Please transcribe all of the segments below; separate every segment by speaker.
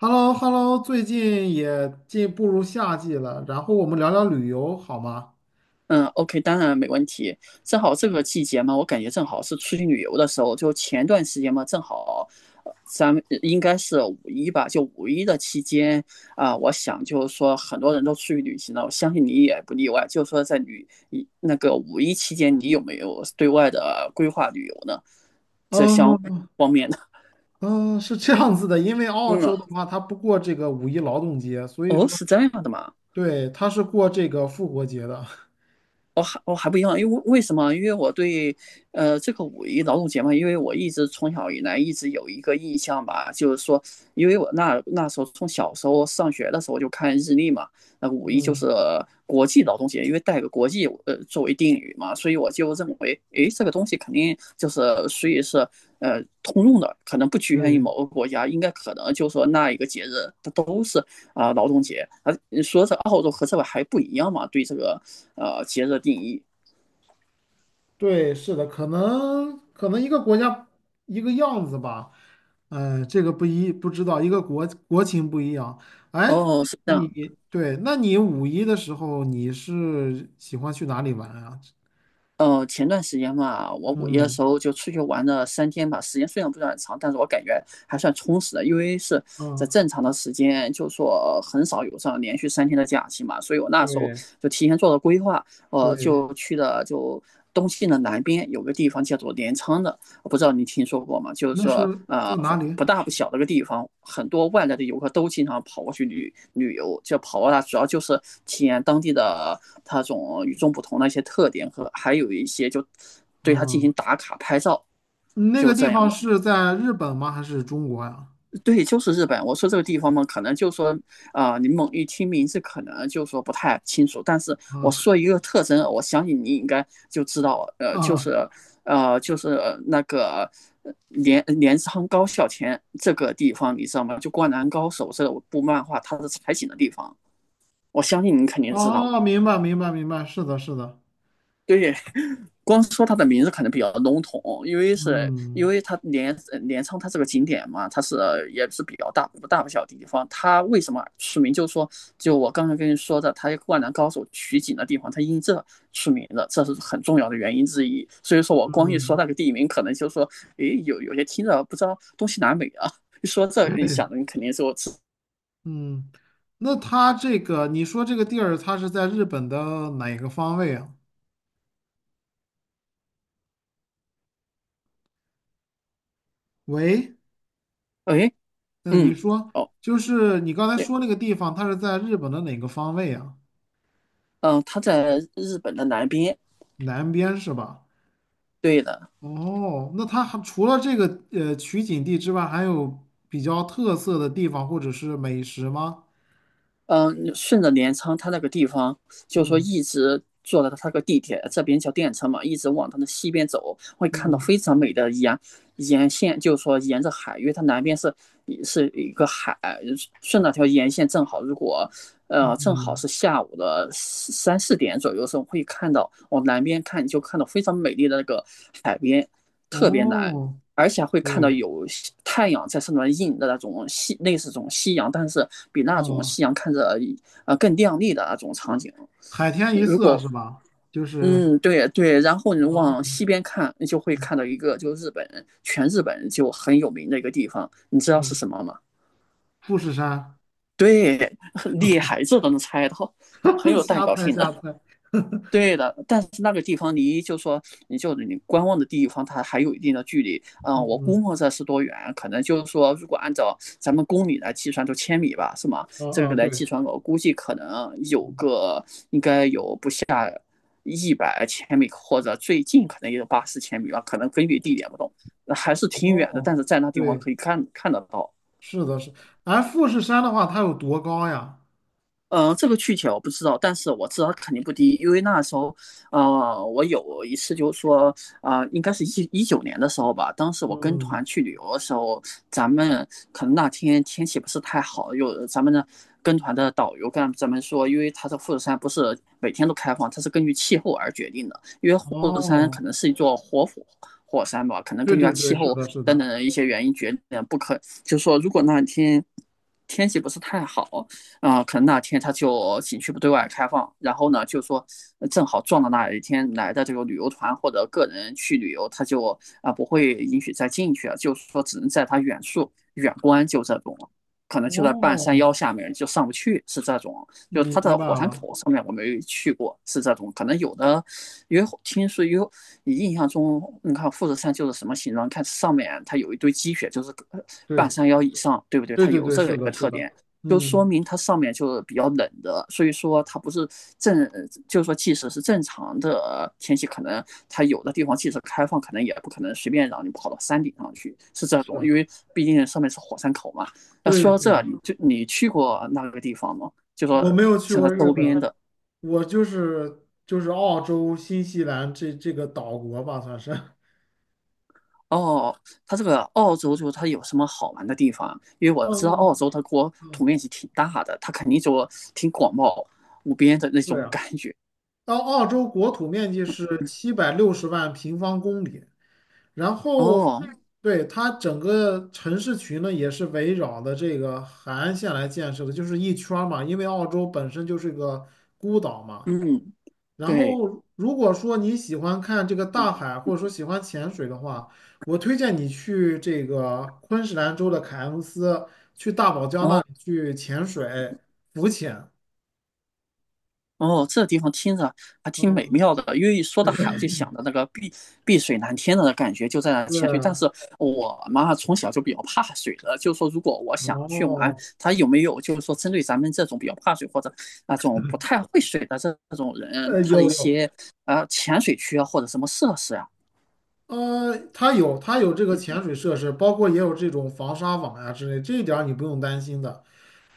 Speaker 1: h e l l o h e l l o 最近也进步入夏季了，然后我们聊聊旅游好吗？
Speaker 2: 嗯，OK，当然没问题。正好这个季节嘛，我感觉正好是出去旅游的时候。就前段时间嘛，正好，咱们应该是五一吧，就五一的期间啊，我想就是说很多人都出去旅行了，我相信你也不例外。就是说在那个五一期间，你有没有对外的规划旅游呢？这相
Speaker 1: 嗯
Speaker 2: 方面的，
Speaker 1: 嗯，是这样子的，因为 澳洲
Speaker 2: 嗯，
Speaker 1: 的话，它不过这个五一劳动节，所以
Speaker 2: 哦，
Speaker 1: 说
Speaker 2: 是这样的吗？
Speaker 1: 对，它是过这个复活节的。
Speaker 2: 我还不一样，因为为什么？因为我对这个五一劳动节嘛，因为我一直从小以来一直有一个印象吧，就是说，因为我那时候从小时候上学的时候就看日历嘛，那五一就是
Speaker 1: 嗯，
Speaker 2: 国际劳动节，因为带个国际作为定语嘛，所以我就认为，诶，这个东西肯定就是所以是通用的，可能不局限于
Speaker 1: 对
Speaker 2: 某个国家，应该可能就是说那一个节日它都是啊劳动节啊，说是澳洲和这个还不一样嘛，对这个节日的定义。
Speaker 1: 对，是的，可能一个国家一个样子吧，这个不知道，一个国情不一样。哎，
Speaker 2: 哦， 是这
Speaker 1: 你
Speaker 2: 样。
Speaker 1: 对，那你五一的时候你是喜欢去哪里玩啊？
Speaker 2: 前段时间嘛，我五一的
Speaker 1: 嗯。
Speaker 2: 时候就出去玩了三天吧，时间虽然不算很长，但是我感觉还算充实的，因为是在
Speaker 1: 嗯，
Speaker 2: 正常的时间，就说很少有这样连续3天的假期嘛，所以我那时候
Speaker 1: 对
Speaker 2: 就提前做了规划，
Speaker 1: 对，
Speaker 2: 就去的就东西的南边有个地方叫做镰仓的，我不知道你听说过吗？就是
Speaker 1: 那
Speaker 2: 说，
Speaker 1: 是在哪里？
Speaker 2: 不大不小的一个地方，很多外来的游客都经常跑过去旅游，就跑过来主要就是体验当地的它种与众不同的一些特点和还有一些就对它进
Speaker 1: 嗯，
Speaker 2: 行打卡拍照，
Speaker 1: 那个
Speaker 2: 就
Speaker 1: 地
Speaker 2: 这样
Speaker 1: 方
Speaker 2: 的。
Speaker 1: 是在日本吗？还是中国呀？
Speaker 2: 对，就是日本。我说这个地方嘛，可能就说，啊、你猛一听名字，可能就说不太清楚。但是我说
Speaker 1: 啊
Speaker 2: 一个特征，我相信你应该就知道，就是，
Speaker 1: 啊
Speaker 2: 就是那个镰仓高校前这个地方，你知道吗？就《灌篮高手》这部漫画它是采景的地方，我相信你肯定知道。
Speaker 1: 哦，明白明白明白，是的，是的，
Speaker 2: 对。 光说它的名字可能比较笼统，因为是因
Speaker 1: 嗯
Speaker 2: 为它镰仓它是个景点嘛，也是比较大不大不小的地方。它为什么出名？就是说，就我刚才跟你说的，它《灌篮高手》取景的地方，它因这出名的，这是很重要的原因之一。所以说我光一说
Speaker 1: 嗯，
Speaker 2: 那个地名，可能就说，诶，有些听着不知道东西南北啊。一说这，你
Speaker 1: 对，
Speaker 2: 想的你肯定说，
Speaker 1: 嗯，那它这个你说这个地儿，它是在日本的哪个方位啊？喂，
Speaker 2: 诶，
Speaker 1: 呃，你
Speaker 2: 嗯，
Speaker 1: 说
Speaker 2: 哦，
Speaker 1: 就是你刚才
Speaker 2: 对，
Speaker 1: 说那个地方，它是在日本的哪个方位啊？
Speaker 2: 嗯，它在日本的南边，
Speaker 1: 南边是吧？
Speaker 2: 对的。
Speaker 1: 哦，那它还除了这个取景地之外，还有比较特色的地方或者是美食吗？
Speaker 2: 嗯，顺着镰仓它那个地方，就是说
Speaker 1: 嗯
Speaker 2: 一直坐到它那个地铁，这边叫电车嘛，一直往它的西边走，会看到
Speaker 1: 嗯
Speaker 2: 非常美的沿线，就是说沿着海，因为它南边是是一个海，顺那条沿线正好，如果
Speaker 1: 嗯，
Speaker 2: 正好
Speaker 1: 嗯，
Speaker 2: 是下午的三四点左右的时候，会看到往南边看，就看到非常美丽的那个海边，特别蓝，
Speaker 1: 哦，
Speaker 2: 而且会看到
Speaker 1: 对，
Speaker 2: 有太阳在上面映的那种夕，类似这种夕阳，但是比那种
Speaker 1: 哦，
Speaker 2: 夕阳看着更亮丽的那种场景。
Speaker 1: 海天一
Speaker 2: 如
Speaker 1: 色
Speaker 2: 果
Speaker 1: 是吧？就是
Speaker 2: 嗯，对对，然后你往
Speaker 1: 哦，
Speaker 2: 西边看，你就会
Speaker 1: 嗯，
Speaker 2: 看到一个就日本，全日本就很有名的一个地方，你知道是
Speaker 1: 嗯，
Speaker 2: 什么吗？
Speaker 1: 富士山，
Speaker 2: 对，厉害，这都能猜到，很 有代
Speaker 1: 瞎
Speaker 2: 表
Speaker 1: 猜
Speaker 2: 性的。
Speaker 1: 瞎猜，
Speaker 2: 对的，但是那个地方离就说你观望的地方，它还有一定的距离。嗯，
Speaker 1: 嗯
Speaker 2: 我估
Speaker 1: 嗯
Speaker 2: 摸着是多远？可能就是说，如果按照咱们公里来计算，就千米吧，是吗？
Speaker 1: 嗯
Speaker 2: 这个
Speaker 1: 嗯，对，
Speaker 2: 来计算，我估计可能有
Speaker 1: 嗯
Speaker 2: 个应该100千米，或者最近可能也有80千米吧，可能根据地点不同，还是挺远的。
Speaker 1: 哦，
Speaker 2: 但是在那地方
Speaker 1: 对，
Speaker 2: 可以看得到。
Speaker 1: 是的是，哎，富士山的话，它有多高呀？
Speaker 2: 这个具体我不知道，但是我知道它肯定不低，因为那时候，我有一次就是说，啊、应该是2019年的时候吧，当时我跟
Speaker 1: 嗯，
Speaker 2: 团去旅游的时候，咱们可能那天天气不是太好，有咱们的跟团的导游跟咱们说，因为他的富士山不是每天都开放，它是根据气候而决定的。护国山可
Speaker 1: 哦，
Speaker 2: 能是一座活火山吧，可能
Speaker 1: 对
Speaker 2: 根据它
Speaker 1: 对对，
Speaker 2: 气
Speaker 1: 是
Speaker 2: 候
Speaker 1: 的，是
Speaker 2: 等
Speaker 1: 的，
Speaker 2: 等的一些原因决定不可就是说，如果那天天气不是太好，啊、可能那天它就景区不对外开放，然后呢，就说正好撞到那一天来的这个旅游团或者个人去旅游，他就啊、不会允许再进去了，就是说只能在它远处远观，就这种可能就在半山
Speaker 1: 哦，
Speaker 2: 腰下面就上不去，是这种。就它
Speaker 1: 明
Speaker 2: 的
Speaker 1: 白
Speaker 2: 火山
Speaker 1: 了，
Speaker 2: 口上面我没去过，是这种。可能有的，因为听说有，你印象中，你看富士山就是什么形状？看上面它有一堆积雪，就是半
Speaker 1: 对，
Speaker 2: 山腰以上，对不对？
Speaker 1: 对
Speaker 2: 它
Speaker 1: 对
Speaker 2: 有
Speaker 1: 对，
Speaker 2: 这个
Speaker 1: 是
Speaker 2: 一
Speaker 1: 的，
Speaker 2: 个
Speaker 1: 是
Speaker 2: 特
Speaker 1: 的，
Speaker 2: 点，就说
Speaker 1: 嗯，
Speaker 2: 明它上面就是比较冷的，所以说它不是正，就是说即使是正常的天气，可能它有的地方即使开放，可能也不可能随便让你跑到山顶上去，是这种。
Speaker 1: 是
Speaker 2: 因为毕竟上面是火山口嘛。那
Speaker 1: 对，
Speaker 2: 说到
Speaker 1: 是
Speaker 2: 这儿
Speaker 1: 的，
Speaker 2: 你去过那个地方吗？就说
Speaker 1: 我没有去
Speaker 2: 像它
Speaker 1: 过日
Speaker 2: 周边
Speaker 1: 本，
Speaker 2: 的
Speaker 1: 我就是澳洲、新西兰这个岛国吧，算是，
Speaker 2: 哦，它这个澳洲就它有什么好玩的地方啊？因为 我知道澳
Speaker 1: 嗯，
Speaker 2: 洲它国土面积挺大的，它肯定就挺广袤无边的那
Speaker 1: 是
Speaker 2: 种
Speaker 1: 呀，
Speaker 2: 感觉。
Speaker 1: 澳洲国土面积是
Speaker 2: 嗯
Speaker 1: 760万平方公里，然后
Speaker 2: 哦，
Speaker 1: 对它整个城市群呢也是围绕的这个海岸线来建设的，就是一圈儿嘛，因为澳洲本身就是个孤岛嘛。
Speaker 2: 嗯，
Speaker 1: 然
Speaker 2: 对，
Speaker 1: 后，如果说你喜欢看这个
Speaker 2: 嗯，
Speaker 1: 大海，或者说喜欢潜水的话，我推荐你去这个昆士兰州的凯恩斯，去大堡礁那
Speaker 2: 哦，
Speaker 1: 里去潜水、浮潜。
Speaker 2: 哦，这地方听着还挺美
Speaker 1: 嗯，
Speaker 2: 妙的，因为一说到海，我就想到那个碧水蓝天的感觉就在那潜水。但
Speaker 1: 对，
Speaker 2: 是我嘛，从小就比较怕水的，就是说，如果我想去玩，
Speaker 1: 哦，
Speaker 2: 它有没有就是说针对咱们这种比较怕水或者那种不太会水的这种人，他的一
Speaker 1: 有有，
Speaker 2: 些潜水区啊或者什么设施啊？
Speaker 1: 它有这个潜水设施，包括也有这种防沙网呀、之类，这一点儿你不用担心的。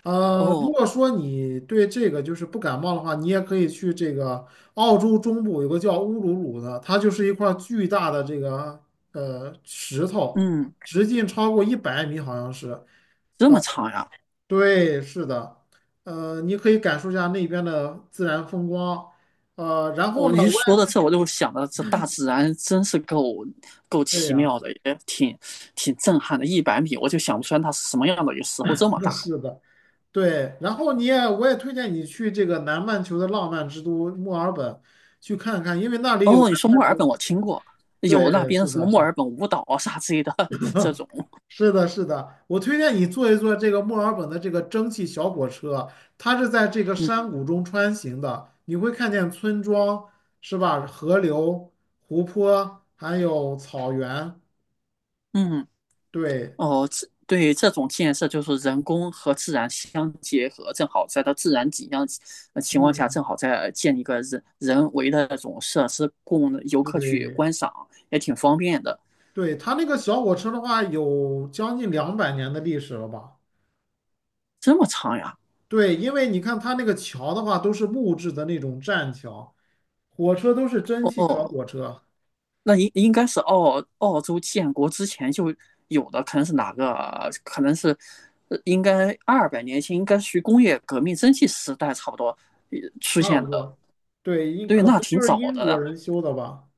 Speaker 1: 如
Speaker 2: 哦，
Speaker 1: 果说你对这个就是不感冒的话，你也可以去这个澳洲中部有个叫乌鲁鲁的，它就是一块儿巨大的这个石头，
Speaker 2: 嗯，
Speaker 1: 直径超过100米，好像是。
Speaker 2: 这么长呀、
Speaker 1: 对，是的，你可以感受一下那边的自然风光。然
Speaker 2: 我
Speaker 1: 后呢，
Speaker 2: 一
Speaker 1: 我
Speaker 2: 说到这，我就想到这大自然真是够
Speaker 1: 也对
Speaker 2: 奇
Speaker 1: 呀、
Speaker 2: 妙的，也挺震撼的。100米，我就想不出来它是什么样的，有时候这么 大。
Speaker 1: 是的，对，然后我也推荐你去这个南半球的浪漫之都墨尔本去看看，因为那里有南
Speaker 2: 哦，你说
Speaker 1: 半
Speaker 2: 墨尔
Speaker 1: 球。
Speaker 2: 本，我听过有那
Speaker 1: 对，
Speaker 2: 边
Speaker 1: 是
Speaker 2: 什么
Speaker 1: 的，
Speaker 2: 墨
Speaker 1: 是的。
Speaker 2: 尔本舞蹈啊啥之类的这种，
Speaker 1: 是的，是的，我推荐你坐一坐这个墨尔本的这个蒸汽小火车，它是在这个
Speaker 2: 嗯
Speaker 1: 山谷中穿行的，你会看见村庄，是吧？河流、湖泊，还有草原。
Speaker 2: 嗯，
Speaker 1: 对，
Speaker 2: 哦，这对这种建设就是人工和自然相结合，正好在它自然景象情况下，
Speaker 1: 嗯，
Speaker 2: 正好在建立一个人为的那种设施供游客去
Speaker 1: 对，
Speaker 2: 观赏，也挺方便的。
Speaker 1: 对，它那个小火车的话，有将近200年的历史了吧？
Speaker 2: 这么长呀？
Speaker 1: 对，因为你看它那个桥的话，都是木质的那种栈桥，火车都是蒸汽小
Speaker 2: 哦，
Speaker 1: 火车，
Speaker 2: 那应该是澳洲建国之前就有的，可能是哪个？可能是应该200年前，应该属于工业革命蒸汽时代差不多出
Speaker 1: 差
Speaker 2: 现
Speaker 1: 不
Speaker 2: 的。
Speaker 1: 多。对，
Speaker 2: 对，
Speaker 1: 可能
Speaker 2: 那挺
Speaker 1: 就是
Speaker 2: 早
Speaker 1: 英
Speaker 2: 的
Speaker 1: 国
Speaker 2: 了。
Speaker 1: 人修的吧。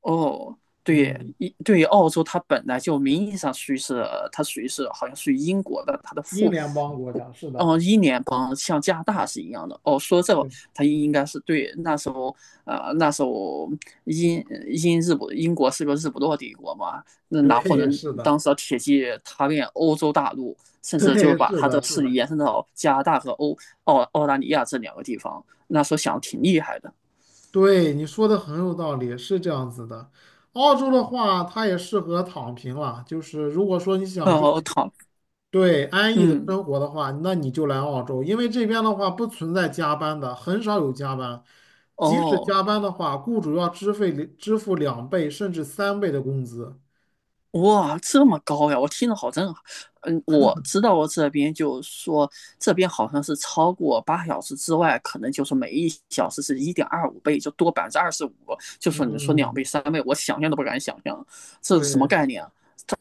Speaker 2: 哦。对，
Speaker 1: 嗯，
Speaker 2: 对于澳洲，它本来就名义上属于是，它属于是好像属于英国的，它的
Speaker 1: 英联邦国家是的，
Speaker 2: 哦，英联邦像加拿大是一样的。哦，说这个
Speaker 1: 对
Speaker 2: 他应该是对那时候，那时候英英国是个日不落帝国嘛，那拿破
Speaker 1: 对，
Speaker 2: 仑
Speaker 1: 是的，
Speaker 2: 当时的铁骑踏遍欧洲大陆，甚至就
Speaker 1: 对，
Speaker 2: 把
Speaker 1: 是
Speaker 2: 他的
Speaker 1: 的，是
Speaker 2: 势力
Speaker 1: 的，
Speaker 2: 延伸到加拿大和澳大利亚这两个地方，那时候想挺厉害的。
Speaker 1: 对，你说的很有道理，是这样子的。澳洲的话，它也适合躺平了，就是如果说你想追
Speaker 2: 哦，
Speaker 1: 求
Speaker 2: 他，
Speaker 1: 对安逸的
Speaker 2: 嗯，
Speaker 1: 生活的话，那你就来澳洲，因为这边的话不存在加班的，很少有加班。即使
Speaker 2: 哦。
Speaker 1: 加班的话，雇主要支费支付2倍甚至3倍的工资。
Speaker 2: 哇，这么高呀！我听着好震撼。嗯，我知道我这边就是说，这边好像是超过8小时之外，可能就是每一小时是1.25倍，就多25%。就说你说两倍、
Speaker 1: 嗯，
Speaker 2: 三倍，我想象都不敢想象，这是什么
Speaker 1: 对，
Speaker 2: 概念啊？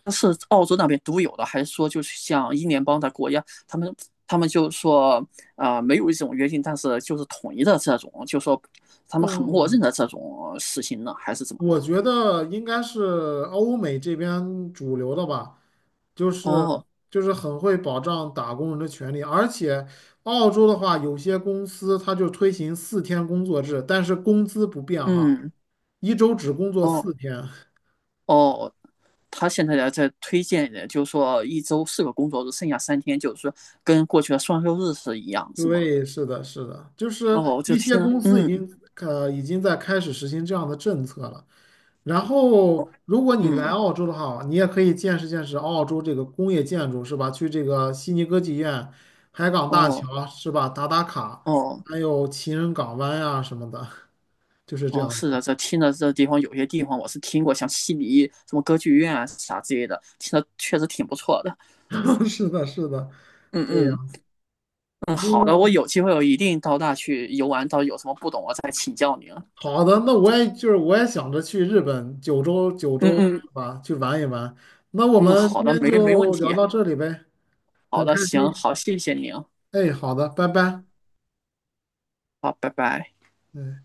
Speaker 2: 但是澳洲那边独有的，还是说就是像英联邦的国家，他们就说啊、没有一种约定，但是就是统一的这种，就说他们很默
Speaker 1: 哦，
Speaker 2: 认的这种事情呢，还是怎么弄
Speaker 1: 我
Speaker 2: 的？
Speaker 1: 觉得应该是欧美这边主流的吧，就是
Speaker 2: 哦，
Speaker 1: 就是很会保障打工人的权利，而且澳洲的话，有些公司它就推行四天工作制，但是工资不变哈，
Speaker 2: 嗯。
Speaker 1: 一周只工作
Speaker 2: 哦，
Speaker 1: 四天。
Speaker 2: 哦，他现在在推荐的，就是说一周4个工作日，剩下三天，就是说跟过去的双休日是一样，是吗？
Speaker 1: 对，是的，是的，就是
Speaker 2: 哦，我就
Speaker 1: 一些
Speaker 2: 听了
Speaker 1: 公司已
Speaker 2: 嗯，
Speaker 1: 经已经在开始实行这样的政策了。然
Speaker 2: 哦，
Speaker 1: 后，如果你来
Speaker 2: 嗯，
Speaker 1: 澳洲的话，你也可以见识见识澳洲这个工业建筑，是吧？去这个悉尼歌剧院、海港大
Speaker 2: 哦，
Speaker 1: 桥，是吧？打卡，
Speaker 2: 哦，
Speaker 1: 还有情人港湾呀、什么的，就是这
Speaker 2: 哦，
Speaker 1: 样
Speaker 2: 是的，
Speaker 1: 子。
Speaker 2: 这听着这地方有些地方我是听过，像悉尼什么歌剧院啊啥之类的，听着确实挺不错的。
Speaker 1: 是的，是的，
Speaker 2: 嗯
Speaker 1: 对
Speaker 2: 嗯
Speaker 1: 呀。
Speaker 2: 嗯，好的，
Speaker 1: 嗯，
Speaker 2: 我有机会我一定到那去游玩，到有什么不懂我再请教您。
Speaker 1: 好的，那我也就是我也想着去日本九州九
Speaker 2: 嗯
Speaker 1: 州
Speaker 2: 嗯
Speaker 1: 是吧，去玩一玩。那我
Speaker 2: 嗯，
Speaker 1: 们
Speaker 2: 好
Speaker 1: 今
Speaker 2: 的，
Speaker 1: 天
Speaker 2: 没没问
Speaker 1: 就聊
Speaker 2: 题。
Speaker 1: 到这里呗，
Speaker 2: 好
Speaker 1: 很开
Speaker 2: 的，行，
Speaker 1: 心。
Speaker 2: 好，谢谢您，
Speaker 1: 哎，好的，拜拜。
Speaker 2: 好，拜拜。
Speaker 1: 嗯。